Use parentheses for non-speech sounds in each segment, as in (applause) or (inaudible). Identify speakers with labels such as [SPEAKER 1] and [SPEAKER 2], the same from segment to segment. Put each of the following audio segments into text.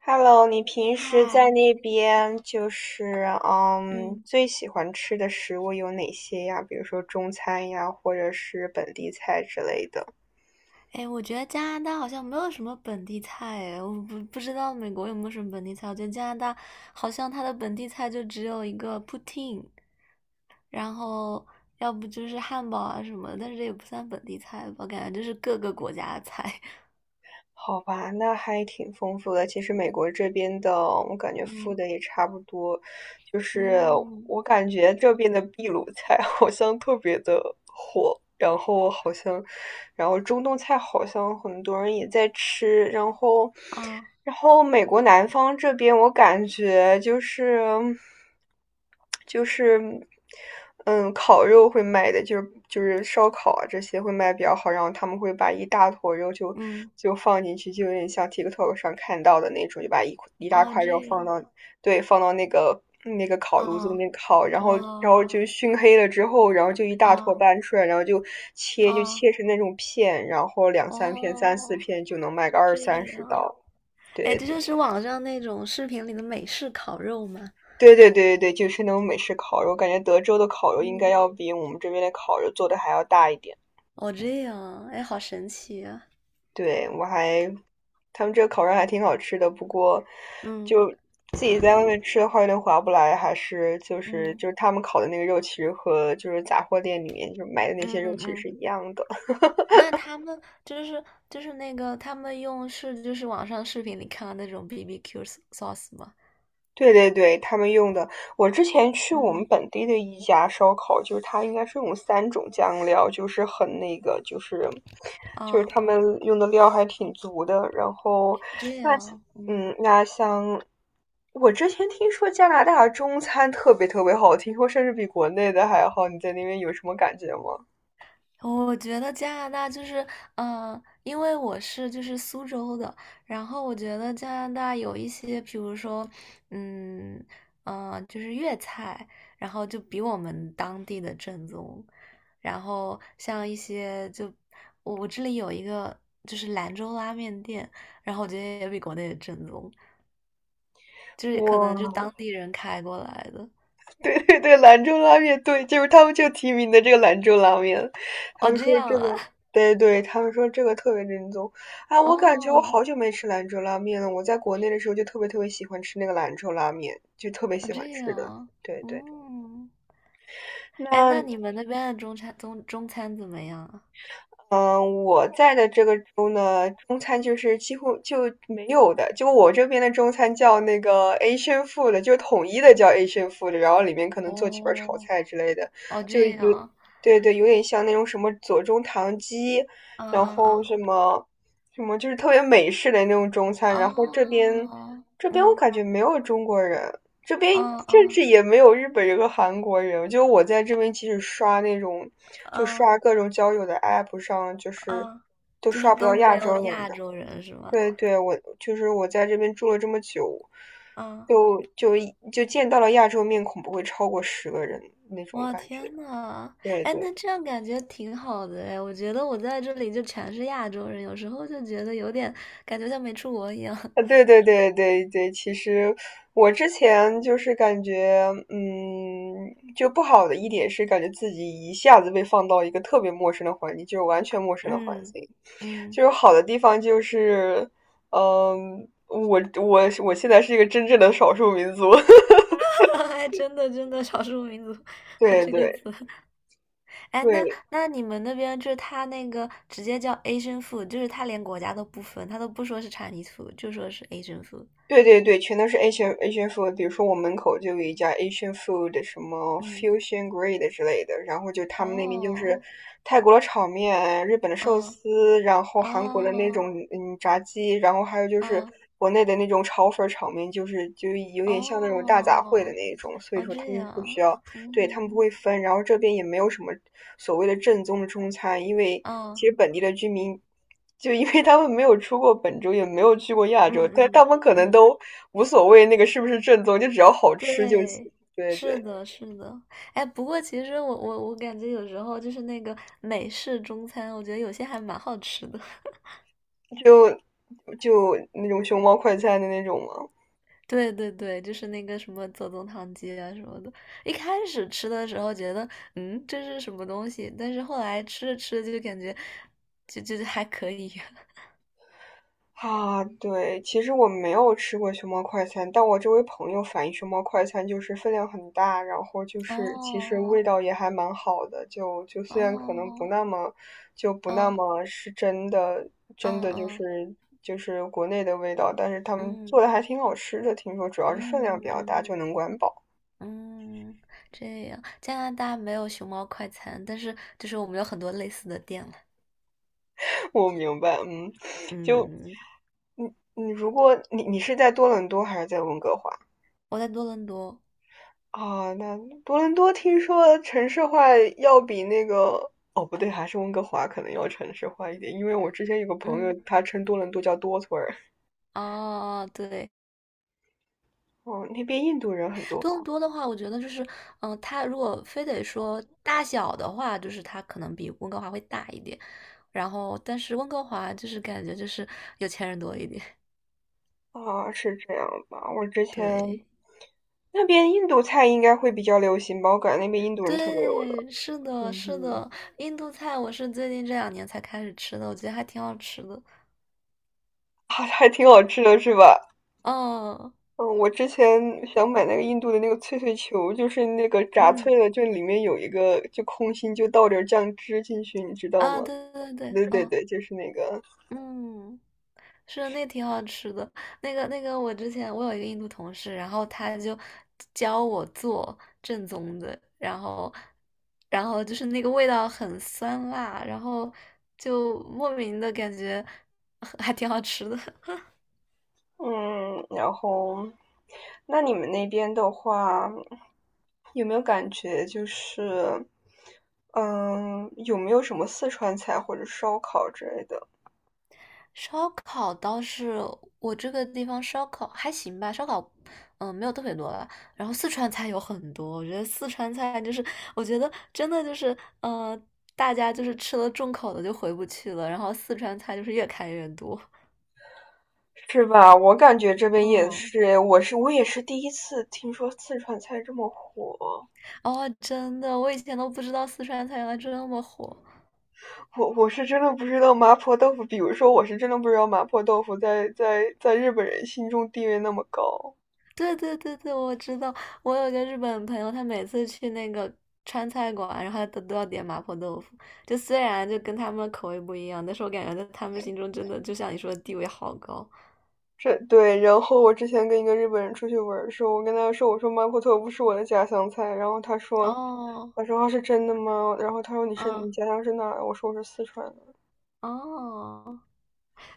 [SPEAKER 1] Hello，你平时在
[SPEAKER 2] 嗨。
[SPEAKER 1] 那边就是
[SPEAKER 2] 嗯。
[SPEAKER 1] 最喜欢吃的食物有哪些呀？比如说中餐呀，或者是本地菜之类的。
[SPEAKER 2] 哎，我觉得加拿大好像没有什么本地菜。哎，我不知道美国有没有什么本地菜。我觉得加拿大好像它的本地菜就只有一个 Poutine。 然后要不就是汉堡啊什么的，但是这也不算本地菜吧，感觉就是各个国家的菜。
[SPEAKER 1] 好吧，那还挺丰富的。其实美国这边的，我感觉
[SPEAKER 2] (laughs)
[SPEAKER 1] 富
[SPEAKER 2] 嗯
[SPEAKER 1] 的也差不多，就是
[SPEAKER 2] 嗯，
[SPEAKER 1] 我感觉这边的秘鲁菜 (laughs) 好像特别的火，然后好像，然后中东菜好像很多人也在吃，然后，
[SPEAKER 2] 啊，
[SPEAKER 1] 然后美国南方这边我感觉就是。就是嗯，烤肉会卖的，就是烧烤啊这些会卖比较好，然后他们会把一大坨肉就
[SPEAKER 2] 嗯，
[SPEAKER 1] 就放进去，就有点像 TikTok 上看到的那种，就把一块一大
[SPEAKER 2] 哦，
[SPEAKER 1] 块肉
[SPEAKER 2] 这
[SPEAKER 1] 放
[SPEAKER 2] 样
[SPEAKER 1] 到，对，放到那个烤炉子里
[SPEAKER 2] 啊，
[SPEAKER 1] 面烤，然后
[SPEAKER 2] 哇，
[SPEAKER 1] 就熏黑了之后，然后就一大坨
[SPEAKER 2] 啊，
[SPEAKER 1] 搬出来，然后就切就
[SPEAKER 2] 啊，
[SPEAKER 1] 切成那种片，然后两三片、三四
[SPEAKER 2] 哦，
[SPEAKER 1] 片就能卖个二
[SPEAKER 2] 这
[SPEAKER 1] 三十
[SPEAKER 2] 样。
[SPEAKER 1] 刀，
[SPEAKER 2] 哎，
[SPEAKER 1] 对。
[SPEAKER 2] 这就是网上那种视频里的美式烤肉吗？
[SPEAKER 1] 对对对对对，就是那种美式烤肉，我感觉德州的烤肉应该
[SPEAKER 2] 嗯，
[SPEAKER 1] 要比我们这边的烤肉做的还要大一点。
[SPEAKER 2] 哦，这样，哎，好神奇啊！
[SPEAKER 1] 对，我还，他们这个烤肉还挺好吃的，不过
[SPEAKER 2] 嗯
[SPEAKER 1] 就自己在外面吃的话有点划不来，还是就是
[SPEAKER 2] 嗯
[SPEAKER 1] 就是他们烤的那个肉，其实和就是杂货店里面就买的那些肉
[SPEAKER 2] 嗯
[SPEAKER 1] 其实
[SPEAKER 2] 嗯。
[SPEAKER 1] 是一样的。
[SPEAKER 2] 那他们就是那个他们用是就是网上视频里看到那种 BBQ sauce 吗？
[SPEAKER 1] 对对对，他们用的，我之前去我们
[SPEAKER 2] 嗯，
[SPEAKER 1] 本地的一家烧烤，就是它应该是用三种酱料，就是很那个，就是
[SPEAKER 2] 哦，
[SPEAKER 1] 他们用的料还挺足的。然后
[SPEAKER 2] 这
[SPEAKER 1] 那
[SPEAKER 2] 样。嗯，
[SPEAKER 1] 那像我之前听说加拿大中餐特别特别好，听说甚至比国内的还好。你在那边有什么感觉吗？
[SPEAKER 2] 我觉得加拿大就是，因为我是就是苏州的。然后我觉得加拿大有一些，比如说，嗯，就是粤菜，然后就比我们当地的正宗。然后像一些就我这里有一个就是兰州拉面店，然后我觉得也比国内的正宗，就是可能就
[SPEAKER 1] 哇
[SPEAKER 2] 当地人开过来的。
[SPEAKER 1] (laughs) 对对对，兰州拉面，对，就是他们就提名的这个兰州拉面，他
[SPEAKER 2] 哦，
[SPEAKER 1] 们
[SPEAKER 2] 这
[SPEAKER 1] 说
[SPEAKER 2] 样
[SPEAKER 1] 这
[SPEAKER 2] 啊。
[SPEAKER 1] 个，对对，他们说这个特别正宗啊！
[SPEAKER 2] (laughs)
[SPEAKER 1] 我感觉我
[SPEAKER 2] 哦，
[SPEAKER 1] 好久没吃兰州拉面了，我在国内的时候就特别特别喜欢吃那个兰州拉面，就特别
[SPEAKER 2] 哦，
[SPEAKER 1] 喜欢
[SPEAKER 2] 这
[SPEAKER 1] 吃
[SPEAKER 2] 样
[SPEAKER 1] 的。
[SPEAKER 2] 啊。
[SPEAKER 1] 对对，
[SPEAKER 2] 嗯。哎，
[SPEAKER 1] 那
[SPEAKER 2] 那你们那边的中餐中中餐怎么样啊？
[SPEAKER 1] 嗯，我在的这个州呢，中餐就是几乎就没有的。就我这边的中餐叫那个 Asian food，就是统一的叫 Asian food，然后里面可能做几盘炒
[SPEAKER 2] 哦，
[SPEAKER 1] 菜之类的，
[SPEAKER 2] 哦，
[SPEAKER 1] 就
[SPEAKER 2] 这
[SPEAKER 1] 有，
[SPEAKER 2] 样。
[SPEAKER 1] 对对，有点像那种什么左宗棠鸡，
[SPEAKER 2] 啊，
[SPEAKER 1] 然后
[SPEAKER 2] 啊，
[SPEAKER 1] 什么什么就是特别美式的那种中餐。
[SPEAKER 2] 啊，
[SPEAKER 1] 然后这边
[SPEAKER 2] 哦，
[SPEAKER 1] 这边我
[SPEAKER 2] 嗯。
[SPEAKER 1] 感觉没有中国人，这边
[SPEAKER 2] 啊，
[SPEAKER 1] 甚
[SPEAKER 2] 啊，
[SPEAKER 1] 至也没有日本人和韩国人，就我在这边，即使刷那种，就
[SPEAKER 2] 啊，
[SPEAKER 1] 刷各种交友的 app 上，就是
[SPEAKER 2] 啊。
[SPEAKER 1] 都
[SPEAKER 2] 就是
[SPEAKER 1] 刷不到
[SPEAKER 2] 都没
[SPEAKER 1] 亚洲
[SPEAKER 2] 有
[SPEAKER 1] 人
[SPEAKER 2] 亚
[SPEAKER 1] 的。
[SPEAKER 2] 洲人是吗？
[SPEAKER 1] 对对，我就是我在这边住了这么久，
[SPEAKER 2] 啊，
[SPEAKER 1] 就就就见到了亚洲面孔不会超过10个人那种
[SPEAKER 2] 我
[SPEAKER 1] 感觉。
[SPEAKER 2] 天呐。
[SPEAKER 1] 对
[SPEAKER 2] 哎，那
[SPEAKER 1] 对。
[SPEAKER 2] 这样感觉挺好的哎，我觉得我在这里就全是亚洲人，有时候就觉得有点感觉像没出国一样。(laughs)
[SPEAKER 1] 啊，对对对对对，其实我之前就是感觉，就不好的一点是感觉自己一下子被放到一个特别陌生的环境，就是完全陌生的环
[SPEAKER 2] 嗯
[SPEAKER 1] 境。
[SPEAKER 2] 嗯。
[SPEAKER 1] 就是好的地方就是，我现在是一个真正的少数民族，
[SPEAKER 2] (laughs) 哎，真的真的，少数民族
[SPEAKER 1] (laughs)
[SPEAKER 2] (laughs) 和
[SPEAKER 1] 对
[SPEAKER 2] 这个词。
[SPEAKER 1] 对
[SPEAKER 2] 哎，那
[SPEAKER 1] 对。
[SPEAKER 2] 那你们那边就是他那个直接叫 Asian food，就是他连国家都不分，他都不说是 Chinese food，就说是 Asian food。
[SPEAKER 1] 对对对，全都是 Asian food。比如说我门口就有一家 Asian food，什么
[SPEAKER 2] 嗯，
[SPEAKER 1] Fusion g r a d e 之类的，然后就他们那边就是
[SPEAKER 2] 哦，
[SPEAKER 1] 泰国的炒面、日本的寿
[SPEAKER 2] 嗯，
[SPEAKER 1] 司，然后韩国的那
[SPEAKER 2] 啊，
[SPEAKER 1] 种炸鸡，然后还有就是
[SPEAKER 2] 啊，
[SPEAKER 1] 国内的那种炒粉儿炒面，就是就有点像那种大杂烩的
[SPEAKER 2] 哦，
[SPEAKER 1] 那种，所以
[SPEAKER 2] 哦，
[SPEAKER 1] 说他
[SPEAKER 2] 这
[SPEAKER 1] 们不需
[SPEAKER 2] 样，
[SPEAKER 1] 要，对，他们不
[SPEAKER 2] 嗯，
[SPEAKER 1] 会分，然后这边也没有什么所谓的正宗的中餐，因为其
[SPEAKER 2] 嗯
[SPEAKER 1] 实本地的居民，就因为他们没有出过本州，也没有去过亚
[SPEAKER 2] 嗯
[SPEAKER 1] 洲，但他
[SPEAKER 2] 嗯
[SPEAKER 1] 们可能
[SPEAKER 2] 嗯，
[SPEAKER 1] 都无所谓那个是不是正宗，就只要好吃就行。
[SPEAKER 2] 对，
[SPEAKER 1] 对
[SPEAKER 2] 是
[SPEAKER 1] 对，
[SPEAKER 2] 的，是的。哎，不过其实我感觉有时候就是那个美式中餐，我觉得有些还蛮好吃的。
[SPEAKER 1] 就就那种熊猫快餐的那种嘛。
[SPEAKER 2] 对对对，就是那个什么左宗棠鸡啊什么的。一开始吃的时候觉得，这是什么东西？但是后来吃着吃着就感觉，就还可以。(laughs)
[SPEAKER 1] 啊，对，其实我没有吃过熊猫快餐，但我周围朋友反映熊猫快餐就是分量很大，然后就是其实
[SPEAKER 2] 哦
[SPEAKER 1] 味道也还蛮好的，就虽然可能不
[SPEAKER 2] 哦，
[SPEAKER 1] 那么，就不那
[SPEAKER 2] 哦
[SPEAKER 1] 么是真的，
[SPEAKER 2] 哦
[SPEAKER 1] 真的就
[SPEAKER 2] 哦，
[SPEAKER 1] 是就是国内的味道，但是他们做
[SPEAKER 2] 嗯
[SPEAKER 1] 的还挺好吃的，听说主要是分量
[SPEAKER 2] 嗯
[SPEAKER 1] 比较大
[SPEAKER 2] 嗯
[SPEAKER 1] 就能管饱。
[SPEAKER 2] 嗯，这样。加拿大没有熊猫快餐，但是就是我们有很多类似的店了。
[SPEAKER 1] (laughs) 我明白，就
[SPEAKER 2] 嗯，
[SPEAKER 1] 你如果你是在多伦多还是在温哥华？
[SPEAKER 2] 我在多伦多。
[SPEAKER 1] 啊，那多伦多听说城市化要比那个，哦，不对，还是温哥华可能要城市化一点，因为我之前有个朋友，
[SPEAKER 2] 嗯，
[SPEAKER 1] 他称多伦多叫多村儿。
[SPEAKER 2] 哦，对，
[SPEAKER 1] 哦，那边印度人很多
[SPEAKER 2] 更
[SPEAKER 1] 吧？
[SPEAKER 2] 多的话，我觉得就是，它如果非得说大小的话，就是它可能比温哥华会大一点。然后，但是温哥华就是感觉就是有钱人多一点。
[SPEAKER 1] 啊，是这样吧？我之
[SPEAKER 2] (laughs)
[SPEAKER 1] 前
[SPEAKER 2] 对，
[SPEAKER 1] 那边印度菜应该会比较流行吧？我感觉那边印度人特别多的。
[SPEAKER 2] 对，是的，
[SPEAKER 1] 嗯
[SPEAKER 2] 是
[SPEAKER 1] 哼，
[SPEAKER 2] 的。印度菜我是最近这两年才开始吃的，我觉得还挺好吃的。
[SPEAKER 1] (laughs) 啊，还挺好吃的是吧？
[SPEAKER 2] 嗯
[SPEAKER 1] 嗯，我之前想买那个印度的那个脆脆球，就是那个炸脆
[SPEAKER 2] 嗯，
[SPEAKER 1] 了，就里面有一个就空心，就倒点儿酱汁进去，你知道
[SPEAKER 2] 啊，
[SPEAKER 1] 吗？
[SPEAKER 2] 对对对，
[SPEAKER 1] 对对
[SPEAKER 2] 嗯
[SPEAKER 1] 对，就是那个。
[SPEAKER 2] 嗯。是那挺好吃的，那个那个，我之前我有一个印度同事，然后他就教我做正宗的，然后就是那个味道很酸辣，然后就莫名的感觉还挺好吃的。
[SPEAKER 1] 嗯，然后，那你们那边的话，有没有感觉就是，有没有什么四川菜或者烧烤之类的？
[SPEAKER 2] 烧烤倒是我这个地方烧烤还行吧，烧烤没有特别多吧。然后四川菜有很多，我觉得四川菜就是我觉得真的就是大家就是吃了重口的就回不去了，然后四川菜就是越开越多。
[SPEAKER 1] 是吧？我感觉这边也
[SPEAKER 2] 嗯，
[SPEAKER 1] 是，我也是第一次听说四川菜这么火。
[SPEAKER 2] 哦，真的，我以前都不知道四川菜原来这么火。
[SPEAKER 1] 我是真的不知道麻婆豆腐，比如说我是真的不知道麻婆豆腐在日本人心中地位那么高。
[SPEAKER 2] 对对对对，我知道。我有个日本朋友，他每次去那个川菜馆，然后他都要点麻婆豆腐。就虽然就跟他们的口味不一样，但是我感觉在他们心中真的就像你说的地位好高。
[SPEAKER 1] 这对，然后我之前跟一个日本人出去玩儿的时候，我跟他说，我说麻婆豆腐是我的家乡菜，然后他说，
[SPEAKER 2] 哦，
[SPEAKER 1] 我说啊是真的吗？然后他说你是
[SPEAKER 2] 嗯，
[SPEAKER 1] 你家乡是哪儿？我说我是四川的。
[SPEAKER 2] 哦。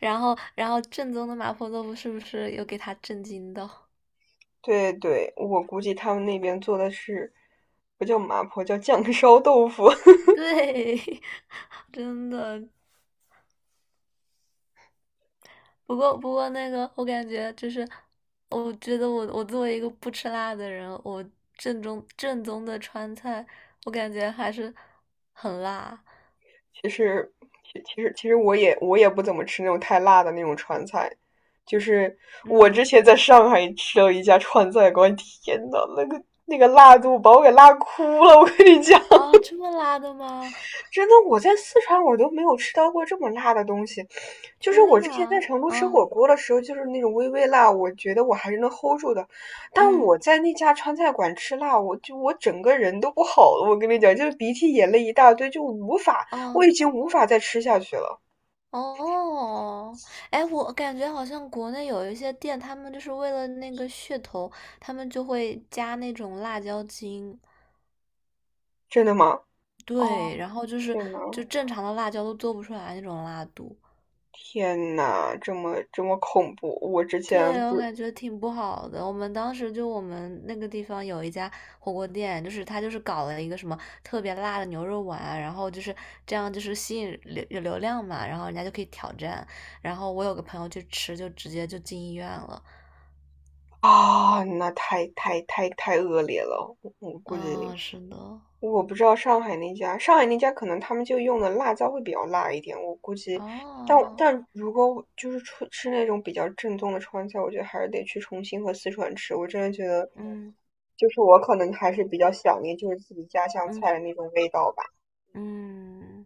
[SPEAKER 2] 然后，正宗的麻婆豆腐是不是又给他震惊到？
[SPEAKER 1] 对对，我估计他们那边做的是不叫麻婆，叫酱烧豆腐。(laughs)
[SPEAKER 2] 对，(laughs) 真的。不过，那个，我感觉就是，我觉得我作为一个不吃辣的人，我正宗的川菜，我感觉还是很辣。
[SPEAKER 1] 其实，其实我也不怎么吃那种太辣的那种川菜，就是我之
[SPEAKER 2] 嗯，
[SPEAKER 1] 前在上海吃了一家川菜馆，天呐，那个辣度把我给辣哭了，我跟你讲，(laughs)
[SPEAKER 2] 啊，这么辣的吗？
[SPEAKER 1] 真的，我在四川我都没有吃到过这么辣的东西。就是
[SPEAKER 2] 天
[SPEAKER 1] 我之前在
[SPEAKER 2] 呐，
[SPEAKER 1] 成都吃
[SPEAKER 2] 啊，
[SPEAKER 1] 火锅的时候，就是那种微微辣，我觉得我还是能 hold 住的。但
[SPEAKER 2] 嗯，
[SPEAKER 1] 我在那家川菜馆吃辣，我整个人都不好了，我跟你讲，就是鼻涕眼泪一大堆，就无法，我
[SPEAKER 2] 啊，
[SPEAKER 1] 已经无法再吃下去了。
[SPEAKER 2] 哦。哎，我感觉好像国内有一些店，他们就是为了那个噱头，他们就会加那种辣椒精。
[SPEAKER 1] 真的吗？哦，
[SPEAKER 2] 对，然后就是
[SPEAKER 1] 天呐，
[SPEAKER 2] 就正常的辣椒都做不出来那种辣度。
[SPEAKER 1] 天呐，这么这么恐怖！我之前
[SPEAKER 2] 对，
[SPEAKER 1] 不
[SPEAKER 2] 我
[SPEAKER 1] 是
[SPEAKER 2] 感觉挺不好的。我们当时就我们那个地方有一家火锅店，就是他就是搞了一个什么特别辣的牛肉丸，然后就是这样就是吸引有流量嘛，然后人家就可以挑战。然后我有个朋友去吃，就直接就进医院了。
[SPEAKER 1] 啊，那太太太太恶劣了。我估
[SPEAKER 2] 啊，
[SPEAKER 1] 计
[SPEAKER 2] 是的，
[SPEAKER 1] 我不知道上海那家，上海那家可能他们就用的辣椒会比较辣一点。我估计，但
[SPEAKER 2] 哦，
[SPEAKER 1] 但如果我就是出吃那种比较正宗的川菜，我觉得还是得去重庆和四川吃。我真的觉得，
[SPEAKER 2] 嗯
[SPEAKER 1] 就是我可能还是比较想念就是自己家乡菜
[SPEAKER 2] 嗯
[SPEAKER 1] 的那种味道吧。
[SPEAKER 2] 嗯。